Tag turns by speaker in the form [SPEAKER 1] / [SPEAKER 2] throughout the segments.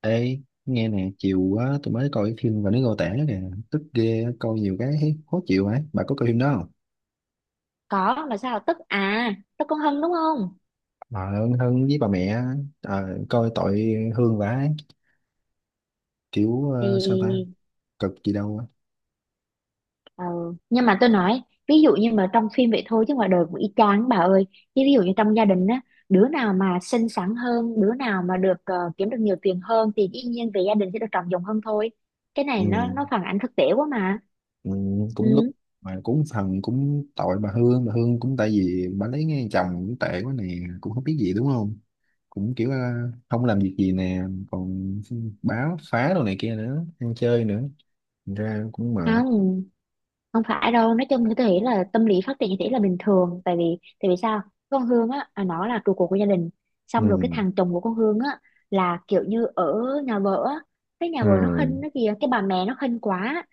[SPEAKER 1] Ê, nghe nè, chiều quá tôi mới coi cái phim và nó Ngô Tẻ kìa, tức ghê, coi nhiều cái thấy khó chịu ấy. Bà có coi phim đó không?
[SPEAKER 2] Có là sao, tức à? Tức con Hân đúng không?
[SPEAKER 1] Bà Hân, Hân với bà mẹ, ờ, coi tội Hương vả ấy. Kiểu sao ta,
[SPEAKER 2] Thì
[SPEAKER 1] cực gì đâu á.
[SPEAKER 2] ờ, nhưng mà tôi nói, ví dụ như mà trong phim vậy thôi chứ ngoài đời cũng y chang bà ơi. Chứ ví dụ như trong gia đình á, đứa nào mà xinh xắn hơn, đứa nào mà được kiếm được nhiều tiền hơn thì dĩ nhiên về gia đình sẽ được trọng dụng hơn thôi. Cái
[SPEAKER 1] Ừ,
[SPEAKER 2] này nó phản ánh thực tế quá mà.
[SPEAKER 1] ừ, cũng đúng,
[SPEAKER 2] Ừ.
[SPEAKER 1] mà cũng phần cũng tội bà Hương cũng tại vì bà lấy ngay chồng cũng tệ quá nè, cũng không biết gì đúng không? Cũng kiểu không làm việc gì nè, còn báo phá đồ này kia nữa, ăn chơi nữa, thành ra cũng mệt.
[SPEAKER 2] Không, không phải đâu, nói chung như tôi nghĩ là tâm lý phát triển như thế là bình thường. Tại vì sao con Hương á, à, nó là trụ cột của gia đình. Xong rồi cái
[SPEAKER 1] Ừ.
[SPEAKER 2] thằng chồng của con Hương á là kiểu như ở nhà vợ á, cái nhà
[SPEAKER 1] Ừ.
[SPEAKER 2] vợ nó khinh nó kìa, cái bà mẹ nó khinh quá.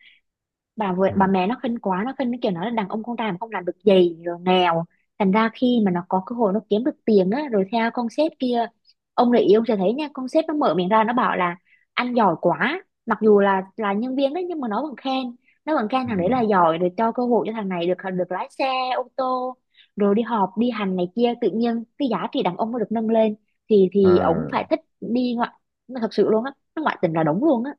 [SPEAKER 2] bà vợ bà
[SPEAKER 1] Ừ.
[SPEAKER 2] mẹ nó khinh quá, nó khinh cái kiểu nó là đàn ông con trai mà không làm được gì, rồi nghèo. Thành ra khi mà nó có cơ hội, nó kiếm được tiền á rồi theo con sếp kia, ông này yêu sẽ thấy nha, con sếp nó mở miệng ra nó bảo là anh giỏi quá, mặc dù là nhân viên đấy nhưng mà nó vẫn khen, nó vẫn khen
[SPEAKER 1] Ừ.
[SPEAKER 2] thằng đấy là giỏi, rồi cho cơ hội cho thằng này được được lái xe ô tô, rồi đi họp đi hành này kia, tự nhiên cái giá trị đàn ông nó được nâng lên. Thì ổng
[SPEAKER 1] À,
[SPEAKER 2] phải thích đi ngoại, thật sự luôn á, nó ngoại tình là đúng luôn á.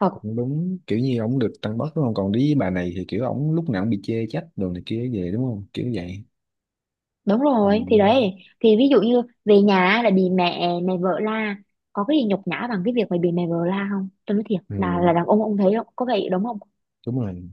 [SPEAKER 2] Thật.
[SPEAKER 1] cũng đúng, kiểu như ổng được tăng bớt đúng không, còn với bà này thì kiểu ổng lúc nào cũng bị chê trách đồ này kia về, đúng không, kiểu vậy.
[SPEAKER 2] Đúng
[SPEAKER 1] Ừ.
[SPEAKER 2] rồi, thì đấy, thì ví dụ như về nhà là bị mẹ mẹ vợ la. Có cái gì nhục nhã bằng cái việc mày bị mẹ vợ la không? Tôi nói thiệt,
[SPEAKER 1] Ừ.
[SPEAKER 2] là đàn ông thấy không, có vậy đúng không?
[SPEAKER 1] Đúng rồi,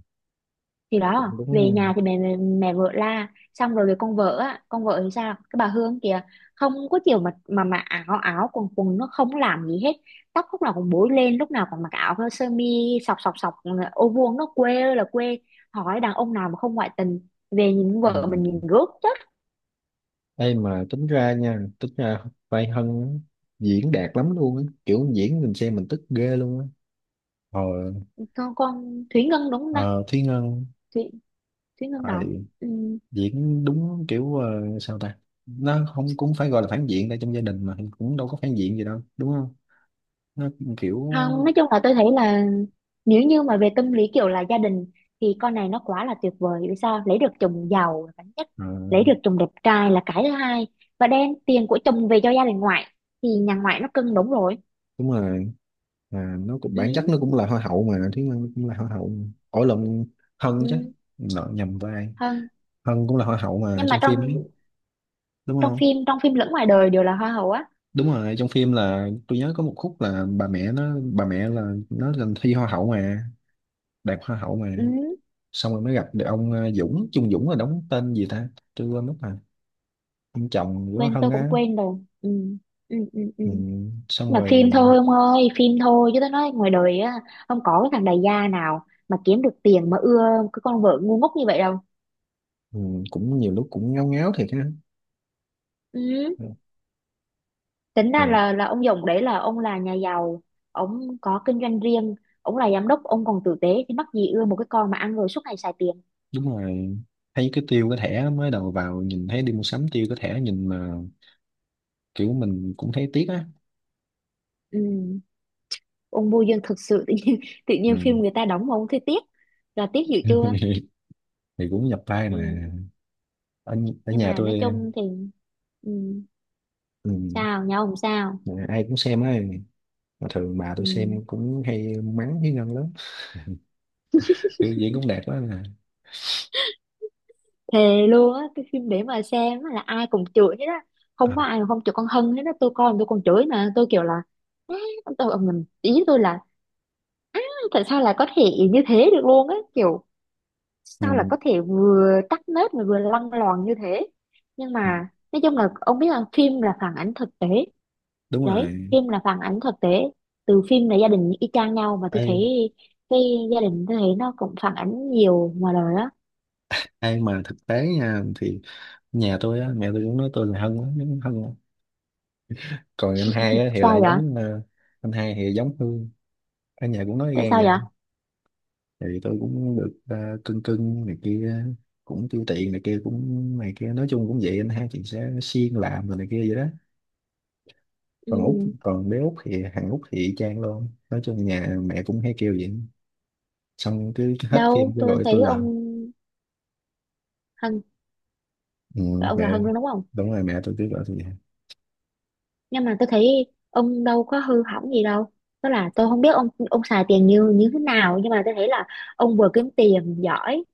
[SPEAKER 2] Thì
[SPEAKER 1] cũng
[SPEAKER 2] đó,
[SPEAKER 1] đúng
[SPEAKER 2] về
[SPEAKER 1] ha.
[SPEAKER 2] nhà thì mẹ mẹ, mẹ vợ la. Xong rồi về con vợ á, con vợ thì sao, cái bà Hương kìa, không có chiều mà áo áo quần quần, nó không làm gì hết, tóc lúc nào cũng búi lên, lúc nào còn mặc áo sơ mi sọc sọc sọc, ô vuông, nó quê ơi là quê. Hỏi đàn ông nào mà không ngoại tình, về nhìn vợ mình
[SPEAKER 1] Ừ.
[SPEAKER 2] nhìn rước chết.
[SPEAKER 1] Ê, mà tính ra nha, tính ra vai Hân á, diễn đạt lắm luôn á, kiểu diễn mình xem mình tức ghê luôn á. ờ,
[SPEAKER 2] Con Thúy Ngân đúng không ta?
[SPEAKER 1] ờ Thúy Ngân.
[SPEAKER 2] Thúy Thúy Ngân
[SPEAKER 1] ờ,
[SPEAKER 2] đóng. Ừm,
[SPEAKER 1] Diễn đúng kiểu sao ta, nó không cũng phải gọi là phản diện, tại trong gia đình mà cũng đâu có phản diện gì đâu đúng không, nó kiểu.
[SPEAKER 2] Không, nói chung là tôi thấy là, nếu như mà về tâm lý kiểu là gia đình thì con này nó quá là tuyệt vời. Vì sao? Lấy được chồng giàu là cái nhất, lấy được chồng đẹp trai là cái thứ hai, và đem tiền của chồng về cho gia đình ngoại thì nhà ngoại nó cưng, đúng rồi.
[SPEAKER 1] Đúng rồi, mà nó cũng bản chất
[SPEAKER 2] Ừ,
[SPEAKER 1] nó cũng là hoa hậu mà, Thúy Ngân cũng là hoa hậu mà. Ổi lộn, Hân chứ.
[SPEAKER 2] ừ,
[SPEAKER 1] Nợ nhầm vai.
[SPEAKER 2] hơn.
[SPEAKER 1] Hân cũng là hoa hậu mà
[SPEAKER 2] Nhưng mà
[SPEAKER 1] trong phim
[SPEAKER 2] trong
[SPEAKER 1] ấy, đúng không?
[SPEAKER 2] trong phim lẫn ngoài đời đều là hoa hậu á.
[SPEAKER 1] Đúng rồi, trong phim là tôi nhớ có một khúc là bà mẹ là nó lên thi hoa hậu mà, đạt hoa hậu mà,
[SPEAKER 2] Ừ,
[SPEAKER 1] xong rồi mới gặp được ông Dũng, Trung Dũng là đóng tên gì ta, tôi quên mất rồi, ông chồng của
[SPEAKER 2] quên,
[SPEAKER 1] Hân
[SPEAKER 2] tôi cũng
[SPEAKER 1] á.
[SPEAKER 2] quên rồi. Ừ, ừ, ừ, ừ.
[SPEAKER 1] Ừ. Xong
[SPEAKER 2] Là phim
[SPEAKER 1] rồi.
[SPEAKER 2] thôi ông ơi, phim thôi, chứ tôi nói ngoài đời á, không có cái thằng đại gia nào mà kiếm được tiền mà ưa cái con vợ ngu ngốc như vậy đâu.
[SPEAKER 1] Ừ. Cũng nhiều lúc cũng ngáo ngáo thiệt ha.
[SPEAKER 2] Ừ. Tính ra
[SPEAKER 1] Ừ.
[SPEAKER 2] là ông Dũng đấy là ông là nhà giàu, ông có kinh doanh riêng, ông là giám đốc, ông còn tử tế, thì mắc gì ưa một cái con mà ăn rồi suốt ngày xài tiền.
[SPEAKER 1] Đúng rồi, thấy cái tiêu cái thẻ mới đầu vào nhìn thấy đi mua sắm tiêu cái thẻ nhìn mà kiểu mình cũng thấy tiếc á.
[SPEAKER 2] Ừ. Ông Bùi Dương thực sự tự nhiên, tự nhiên phim
[SPEAKER 1] Ừ.
[SPEAKER 2] người ta đóng mà ông thấy tiếc, là tiếc dữ chưa.
[SPEAKER 1] Thì cũng nhập vai mà.
[SPEAKER 2] Ừ.
[SPEAKER 1] Ở, ở
[SPEAKER 2] Nhưng
[SPEAKER 1] nhà
[SPEAKER 2] mà nói
[SPEAKER 1] tôi.
[SPEAKER 2] chung thì. Ừ.
[SPEAKER 1] Ừ.
[SPEAKER 2] Sao nhau? Không sao.
[SPEAKER 1] Mà ai cũng xem ấy, mà thường bà tôi
[SPEAKER 2] Ừ.
[SPEAKER 1] xem cũng hay mắng với Ngân lắm, biểu diễn cũng đẹp quá mà.
[SPEAKER 2] Thề luôn á, cái phim để mà xem á là ai cũng chửi hết á, không
[SPEAKER 1] À,
[SPEAKER 2] có ai mà không chửi con Hân hết á. Tôi coi mà tôi còn chửi, mà tôi kiểu là "Á", tôi mình ý tôi là "Á, tại sao lại có thể như thế được luôn á, kiểu sao là
[SPEAKER 1] ừ.
[SPEAKER 2] có thể vừa tắc nết mà vừa lăng loàn như thế". Nhưng
[SPEAKER 1] Ừ,
[SPEAKER 2] mà nói chung là ông biết là phim là phản ánh thực tế.
[SPEAKER 1] đúng
[SPEAKER 2] Đấy,
[SPEAKER 1] rồi.
[SPEAKER 2] phim là phản ánh thực tế, từ phim là gia đình y chang nhau mà tôi
[SPEAKER 1] ai
[SPEAKER 2] thấy. Cái gia đình tôi thấy nó cũng phản ánh nhiều ngoài đời á.
[SPEAKER 1] ai mà thực tế nha thì nhà tôi á, mẹ tôi cũng nói tôi là Hân á, giống Hân á. Còn anh hai á thì lại
[SPEAKER 2] Sao vậy?
[SPEAKER 1] giống anh hai thì giống Hương. Ở nhà cũng nói
[SPEAKER 2] Tại sao
[SPEAKER 1] gan
[SPEAKER 2] vậy?
[SPEAKER 1] thì tôi cũng được cưng cưng này kia, cũng tiêu tiền này kia cũng này kia, nói chung cũng vậy, anh hai chị sẽ siêng làm rồi này kia vậy đó. Còn út
[SPEAKER 2] Ừ,
[SPEAKER 1] còn bé út thì thằng út thì y chang luôn, nói chung nhà mẹ cũng hay kêu vậy, xong cứ hết phim
[SPEAKER 2] đâu
[SPEAKER 1] cứ
[SPEAKER 2] tôi
[SPEAKER 1] gọi tôi
[SPEAKER 2] thấy
[SPEAKER 1] là.
[SPEAKER 2] ông Hân,
[SPEAKER 1] Ừ,
[SPEAKER 2] ông
[SPEAKER 1] mẹ.
[SPEAKER 2] là Hân luôn đúng không?
[SPEAKER 1] Đúng rồi, mẹ tôi cứ gọi tôi vậy.
[SPEAKER 2] Nhưng mà tôi thấy ông đâu có hư hỏng gì đâu, tức là tôi không biết ông xài tiền như như thế nào, nhưng mà tôi thấy là ông vừa kiếm tiền giỏi,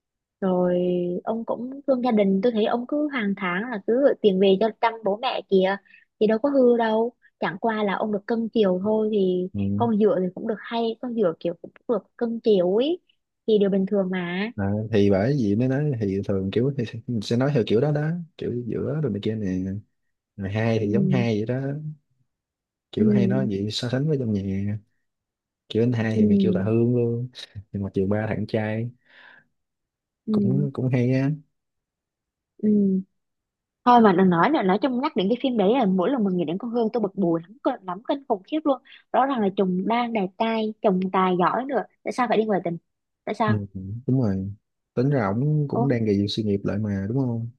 [SPEAKER 2] rồi ông cũng thương gia đình, tôi thấy ông cứ hàng tháng là cứ gửi tiền về cho chăm bố mẹ kìa, thì đâu có hư đâu. Chẳng qua là ông được cưng chiều thôi, thì
[SPEAKER 1] Ừ.
[SPEAKER 2] con dựa thì cũng được, hay con dựa kiểu cũng được cưng chiều ấy, thì điều bình thường mà.
[SPEAKER 1] À, thì bởi vì mới nói thì thường kiểu thì sẽ nói theo kiểu đó đó, kiểu giữa rồi này kia nè. Rồi hai thì giống
[SPEAKER 2] Ừ,
[SPEAKER 1] hai vậy đó, kiểu hay nói
[SPEAKER 2] ừ,
[SPEAKER 1] vậy so sánh với trong nhà, kiểu anh hai
[SPEAKER 2] ừ,
[SPEAKER 1] thì mày kêu là Hương luôn, nhưng mà chiều ba thằng con trai
[SPEAKER 2] ừ,
[SPEAKER 1] cũng cũng hay á.
[SPEAKER 2] ừ. Thôi mà đừng nói nữa, nói chung nhắc đến cái phim đấy là mỗi lần mình nghĩ đến con Hương tôi bực bùi lắm, lắm kinh khủng khiếp luôn. Rõ ràng là chồng đang đẹp trai, chồng tài giỏi nữa, tại sao phải đi ngoại tình? Tại
[SPEAKER 1] Ừ,
[SPEAKER 2] sao?
[SPEAKER 1] đúng rồi, tính ra ổng cũng
[SPEAKER 2] Ô
[SPEAKER 1] đang gầy dựng sự nghiệp lại mà đúng không.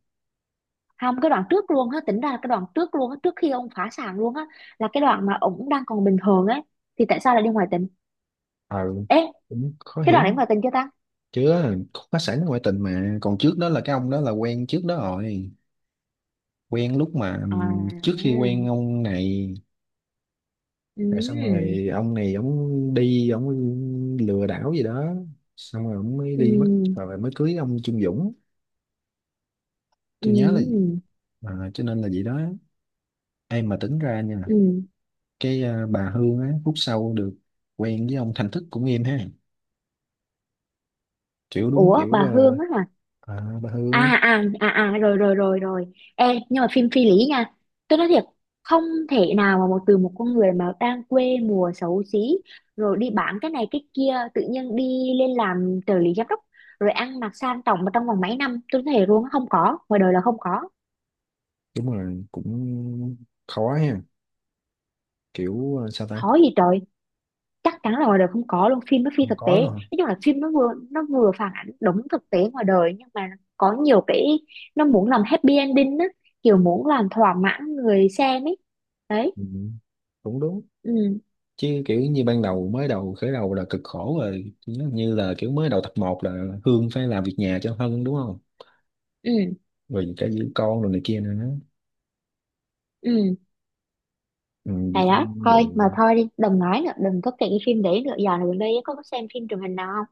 [SPEAKER 2] không, cái đoạn trước luôn á, tính ra là cái đoạn trước luôn á, trước khi ông phá sản luôn á, là cái đoạn mà ổng đang còn bình thường ấy, thì tại sao lại đi ngoại tình?
[SPEAKER 1] Ừ,
[SPEAKER 2] Ê,
[SPEAKER 1] cũng khó
[SPEAKER 2] cái
[SPEAKER 1] hiểu
[SPEAKER 2] đoạn đấy
[SPEAKER 1] lắm.
[SPEAKER 2] ngoại tình chưa ta?
[SPEAKER 1] Chứ á, khúc phá sản ngoại tình mà còn trước đó là cái ông đó là quen trước đó rồi, quen lúc mà
[SPEAKER 2] À,
[SPEAKER 1] trước khi quen
[SPEAKER 2] ừ,
[SPEAKER 1] ông này. Rồi xong
[SPEAKER 2] ừ,
[SPEAKER 1] rồi ông này ổng đi ổng lừa đảo gì đó, xong rồi ổng mới đi mất, rồi mới cưới ông Trung Dũng, tôi nhớ là.
[SPEAKER 2] ừ,
[SPEAKER 1] À, cho nên là vậy đó. Em mà tính ra nha,
[SPEAKER 2] ừ.
[SPEAKER 1] cái bà Hương á phút sau được quen với ông Thành Thức cũng em ha, kiểu đúng
[SPEAKER 2] Ủa
[SPEAKER 1] kiểu
[SPEAKER 2] bà Hương á hả?
[SPEAKER 1] bà Hương.
[SPEAKER 2] À à à à, rồi rồi rồi rồi. Ê, nhưng mà phim phi lý nha, tôi nói thiệt. Không thể nào mà một con người mà đang quê mùa xấu xí, rồi đi bán cái này cái kia, tự nhiên đi lên làm trợ lý giám đốc, rồi ăn mặc sang trọng, mà trong vòng mấy năm. Tôi thấy luôn, không có, ngoài đời là không có.
[SPEAKER 1] Đúng rồi, cũng khó ha, kiểu sao ta.
[SPEAKER 2] Khó gì trời, chắc chắn là ngoài đời không có luôn, phim nó phi
[SPEAKER 1] Không
[SPEAKER 2] thực tế.
[SPEAKER 1] có
[SPEAKER 2] Nói
[SPEAKER 1] luôn hả?
[SPEAKER 2] chung là phim nó vừa phản ảnh đúng thực tế ngoài đời, nhưng mà có nhiều cái nó muốn làm happy ending á, kiểu muốn làm thỏa mãn người xem ấy, đấy.
[SPEAKER 1] Ừ, cũng đúng.
[SPEAKER 2] Ừ,
[SPEAKER 1] Chứ kiểu như ban đầu mới đầu khởi đầu là cực khổ rồi. Nó như là kiểu mới đầu tập 1 là Hương phải làm việc nhà cho Hân đúng không,
[SPEAKER 2] ừ,
[SPEAKER 1] rồi cả giữ con rồi này kia nữa.
[SPEAKER 2] ừ.
[SPEAKER 1] Ừ,
[SPEAKER 2] Hay
[SPEAKER 1] việc
[SPEAKER 2] đó, thôi mà,
[SPEAKER 1] đường
[SPEAKER 2] thôi đi, đừng nói nữa, đừng có kể cái phim đấy nữa. Giờ này gần đây ấy, có xem phim truyền hình nào không,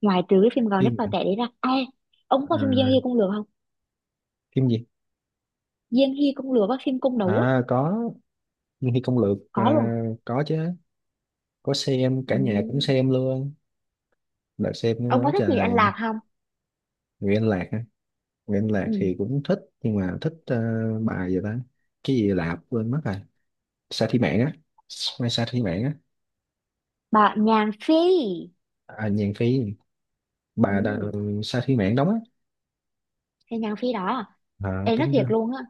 [SPEAKER 2] ngoài trừ cái phim gò nếp vào
[SPEAKER 1] phim.
[SPEAKER 2] tệ đấy ra à? Ông có phim Giang
[SPEAKER 1] À,
[SPEAKER 2] Hy Công Lừa không?
[SPEAKER 1] phim gì?
[SPEAKER 2] Giang Hy Công Lừa, có phim cung đấu á.
[SPEAKER 1] À, có. Nhưng khi công lược à,
[SPEAKER 2] Có luôn.
[SPEAKER 1] có chứ, có xem
[SPEAKER 2] Ừ.
[SPEAKER 1] cả nhà cũng xem luôn, đã xem
[SPEAKER 2] Ông có
[SPEAKER 1] quá
[SPEAKER 2] thích gì anh
[SPEAKER 1] trời.
[SPEAKER 2] Lạc không?
[SPEAKER 1] Nguyễn Lạc á. Nguyễn Lạc
[SPEAKER 2] Ừ.
[SPEAKER 1] thì cũng thích nhưng mà thích bài gì ta, cái gì Lạp quên mất rồi. Sa Thi Mạn á, Mai Sa Thi Mạn á.
[SPEAKER 2] Bà Nhàn Phi.
[SPEAKER 1] À, Nhàn Phi. Bà đà,
[SPEAKER 2] Ừ.
[SPEAKER 1] Sa Thi Mạn đóng á.
[SPEAKER 2] Cái Nhàn Phi đó,
[SPEAKER 1] À,
[SPEAKER 2] em nói
[SPEAKER 1] tính ra.
[SPEAKER 2] thiệt luôn á,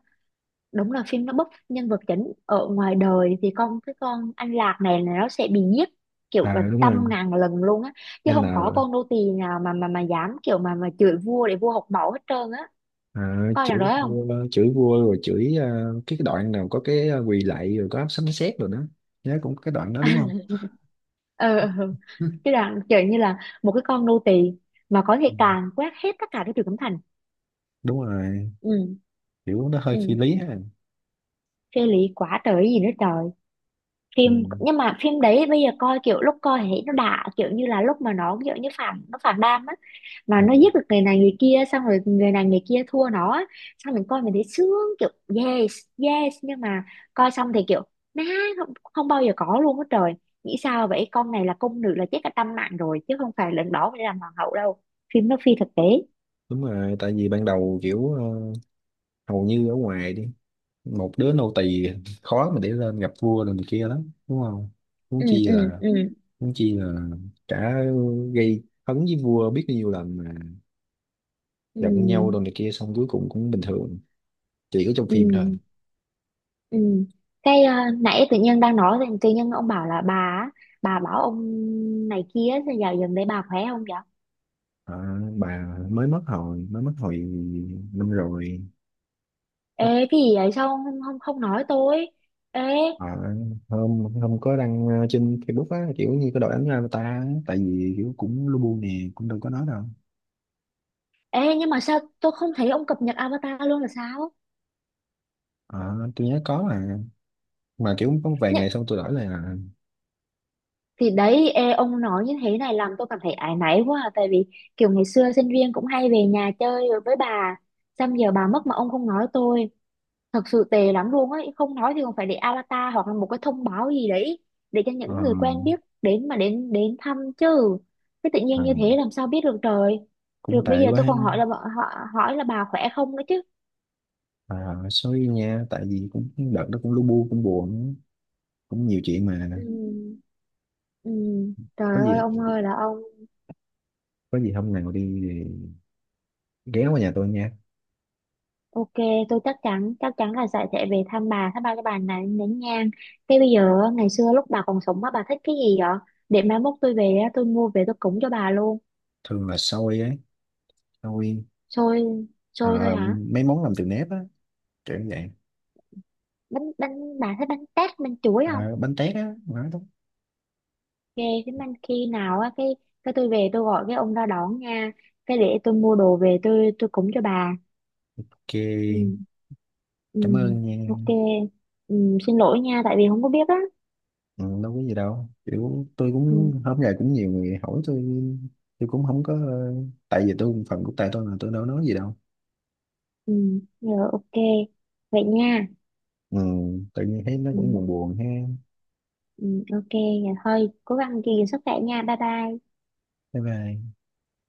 [SPEAKER 2] đúng là phim nó bóc nhân vật chính, ở ngoài đời thì con cái con An Lạc này là nó sẽ bị giết, kiểu là
[SPEAKER 1] À, đúng
[SPEAKER 2] trăm
[SPEAKER 1] rồi.
[SPEAKER 2] ngàn lần luôn á. Chứ không có
[SPEAKER 1] N
[SPEAKER 2] con nô tì nào mà dám kiểu mà chửi vua, để vua học mẫu hết trơn á.
[SPEAKER 1] À,
[SPEAKER 2] Coi rằng đó không?
[SPEAKER 1] chửi vua rồi chửi cái đoạn nào có cái quỳ lạy rồi có sấm sét rồi đó. Nhớ cũng có cái đoạn đó đúng không.
[SPEAKER 2] Ờ ừ. Cái đoạn kiểu như là một cái con nô tì mà có thể
[SPEAKER 1] Ừ.
[SPEAKER 2] càn quét hết tất cả cái trường cấm thành.
[SPEAKER 1] Đúng rồi,
[SPEAKER 2] Ừ,
[SPEAKER 1] kiểu nó hơi phi
[SPEAKER 2] ừ,
[SPEAKER 1] lý ha.
[SPEAKER 2] phê lý quá trời gì nữa trời.
[SPEAKER 1] Ừ.
[SPEAKER 2] Phim, nhưng mà phim đấy bây giờ coi, kiểu lúc coi thì thấy nó đã, kiểu như là lúc mà nó kiểu như phản, nó phản đam á, mà
[SPEAKER 1] Ừ.
[SPEAKER 2] nó giết được người này người kia, xong rồi người này người kia thua nó á. Xong mình coi mình thấy sướng, kiểu yes, yes. Nhưng mà coi xong thì kiểu má, không, không bao giờ có luôn á trời. Nghĩ sao vậy, con này là cung nữ là chết cả trăm mạng rồi, chứ không phải lần đó mới làm hoàng hậu đâu. Phim nó phi thực tế.
[SPEAKER 1] Đúng rồi, tại vì ban đầu kiểu hầu như ở ngoài đi một đứa nô tỳ khó mà để lên gặp vua rồi này kia lắm đúng không. Huống
[SPEAKER 2] Ừ,
[SPEAKER 1] chi
[SPEAKER 2] ừ,
[SPEAKER 1] là,
[SPEAKER 2] ừ,
[SPEAKER 1] huống chi là cả gây hấn với vua biết bao nhiêu lần mà,
[SPEAKER 2] ừ,
[SPEAKER 1] giận nhau rồi này kia xong cuối cùng cũng bình thường. Chỉ có trong phim thôi.
[SPEAKER 2] ừ. Ừ. Cái nãy tự nhiên đang nói thì tự nhiên ông bảo là bà á, bà bảo ông này kia, thì giờ gần đây bà khỏe không vậy?
[SPEAKER 1] Ờ, bà mới mất hồi năm rồi.
[SPEAKER 2] Ê cái gì vậy, sao ông không không, không nói tôi? Ê,
[SPEAKER 1] Ờ, hôm hôm có đăng trên Facebook á, kiểu như có đội ảnh ra người ta á. Tại vì kiểu cũng lu bu nè, cũng đâu có nói đâu.
[SPEAKER 2] ê, nhưng mà sao tôi không thấy ông cập nhật avatar luôn là sao?
[SPEAKER 1] Ờ, tôi nhớ có mà, kiểu có vài
[SPEAKER 2] Nhưng
[SPEAKER 1] ngày xong tôi đổi lại là.
[SPEAKER 2] thì đấy, ê, ông nói như thế này làm tôi cảm thấy áy náy quá, à tại vì kiểu ngày xưa sinh viên cũng hay về nhà chơi rồi với bà, xong giờ bà mất mà ông không nói tôi, thật sự tệ lắm luôn ấy. Không nói thì còn phải để avatar hoặc là một cái thông báo gì đấy, để cho
[SPEAKER 1] ờ,
[SPEAKER 2] những người quen biết đến mà đến đến thăm chứ. Cái tự nhiên
[SPEAKER 1] ờ,
[SPEAKER 2] như thế làm sao biết được trời.
[SPEAKER 1] Cũng
[SPEAKER 2] Rồi bây
[SPEAKER 1] tệ
[SPEAKER 2] giờ tôi
[SPEAKER 1] quá.
[SPEAKER 2] còn hỏi là họ hỏi là bà khỏe không nữa chứ.
[SPEAKER 1] À, sorry nha, tại vì cũng đợt đó cũng lu bu cũng buồn, cũng nhiều chuyện mà.
[SPEAKER 2] Ừ, ừ. Trời
[SPEAKER 1] Có
[SPEAKER 2] ơi
[SPEAKER 1] gì,
[SPEAKER 2] ông ơi là ông.
[SPEAKER 1] có gì hôm nào đi thì ghé qua nhà tôi nha.
[SPEAKER 2] Ok, tôi chắc chắn, chắc chắn là sẽ về thăm bà, thăm ba cái bà này nén nhang. Cái bây giờ á, ngày xưa lúc bà còn sống á, bà thích cái gì vậy? Để mai mốt tôi về á, tôi mua về tôi cúng cho bà luôn.
[SPEAKER 1] Thường là xôi ấy, xôi.
[SPEAKER 2] Xôi. Xôi thôi
[SPEAKER 1] ờ,
[SPEAKER 2] hả?
[SPEAKER 1] Mấy món làm từ nếp á, kiểu như vậy.
[SPEAKER 2] Bánh bánh bà thấy bánh tét bánh chuối không?
[SPEAKER 1] Ờ, bánh tét á, nói đúng.
[SPEAKER 2] Ghê, cái bánh khi nào á, cái tôi về tôi gọi cái ông ra đón nha, cái để tôi mua đồ về tôi cúng cho bà.
[SPEAKER 1] Ok,
[SPEAKER 2] Ừ. Ừ.
[SPEAKER 1] cảm ơn nha.
[SPEAKER 2] Ok. Ừ, xin lỗi nha tại vì không có biết á.
[SPEAKER 1] Ừ, đâu có gì đâu, kiểu tôi cũng
[SPEAKER 2] Ừ,
[SPEAKER 1] hôm nay cũng nhiều người hỏi tôi. Tôi cũng không có tại vì tôi phần của tay tôi là tôi đâu nói gì đâu.
[SPEAKER 2] ừ rồi, ok vậy nha.
[SPEAKER 1] Ừ, tự nhiên thấy nó
[SPEAKER 2] Ừ,
[SPEAKER 1] cũng buồn buồn ha.
[SPEAKER 2] ừ, ok vậy thôi, cố gắng gìn sức khỏe nha, bye bye.
[SPEAKER 1] Bye bye.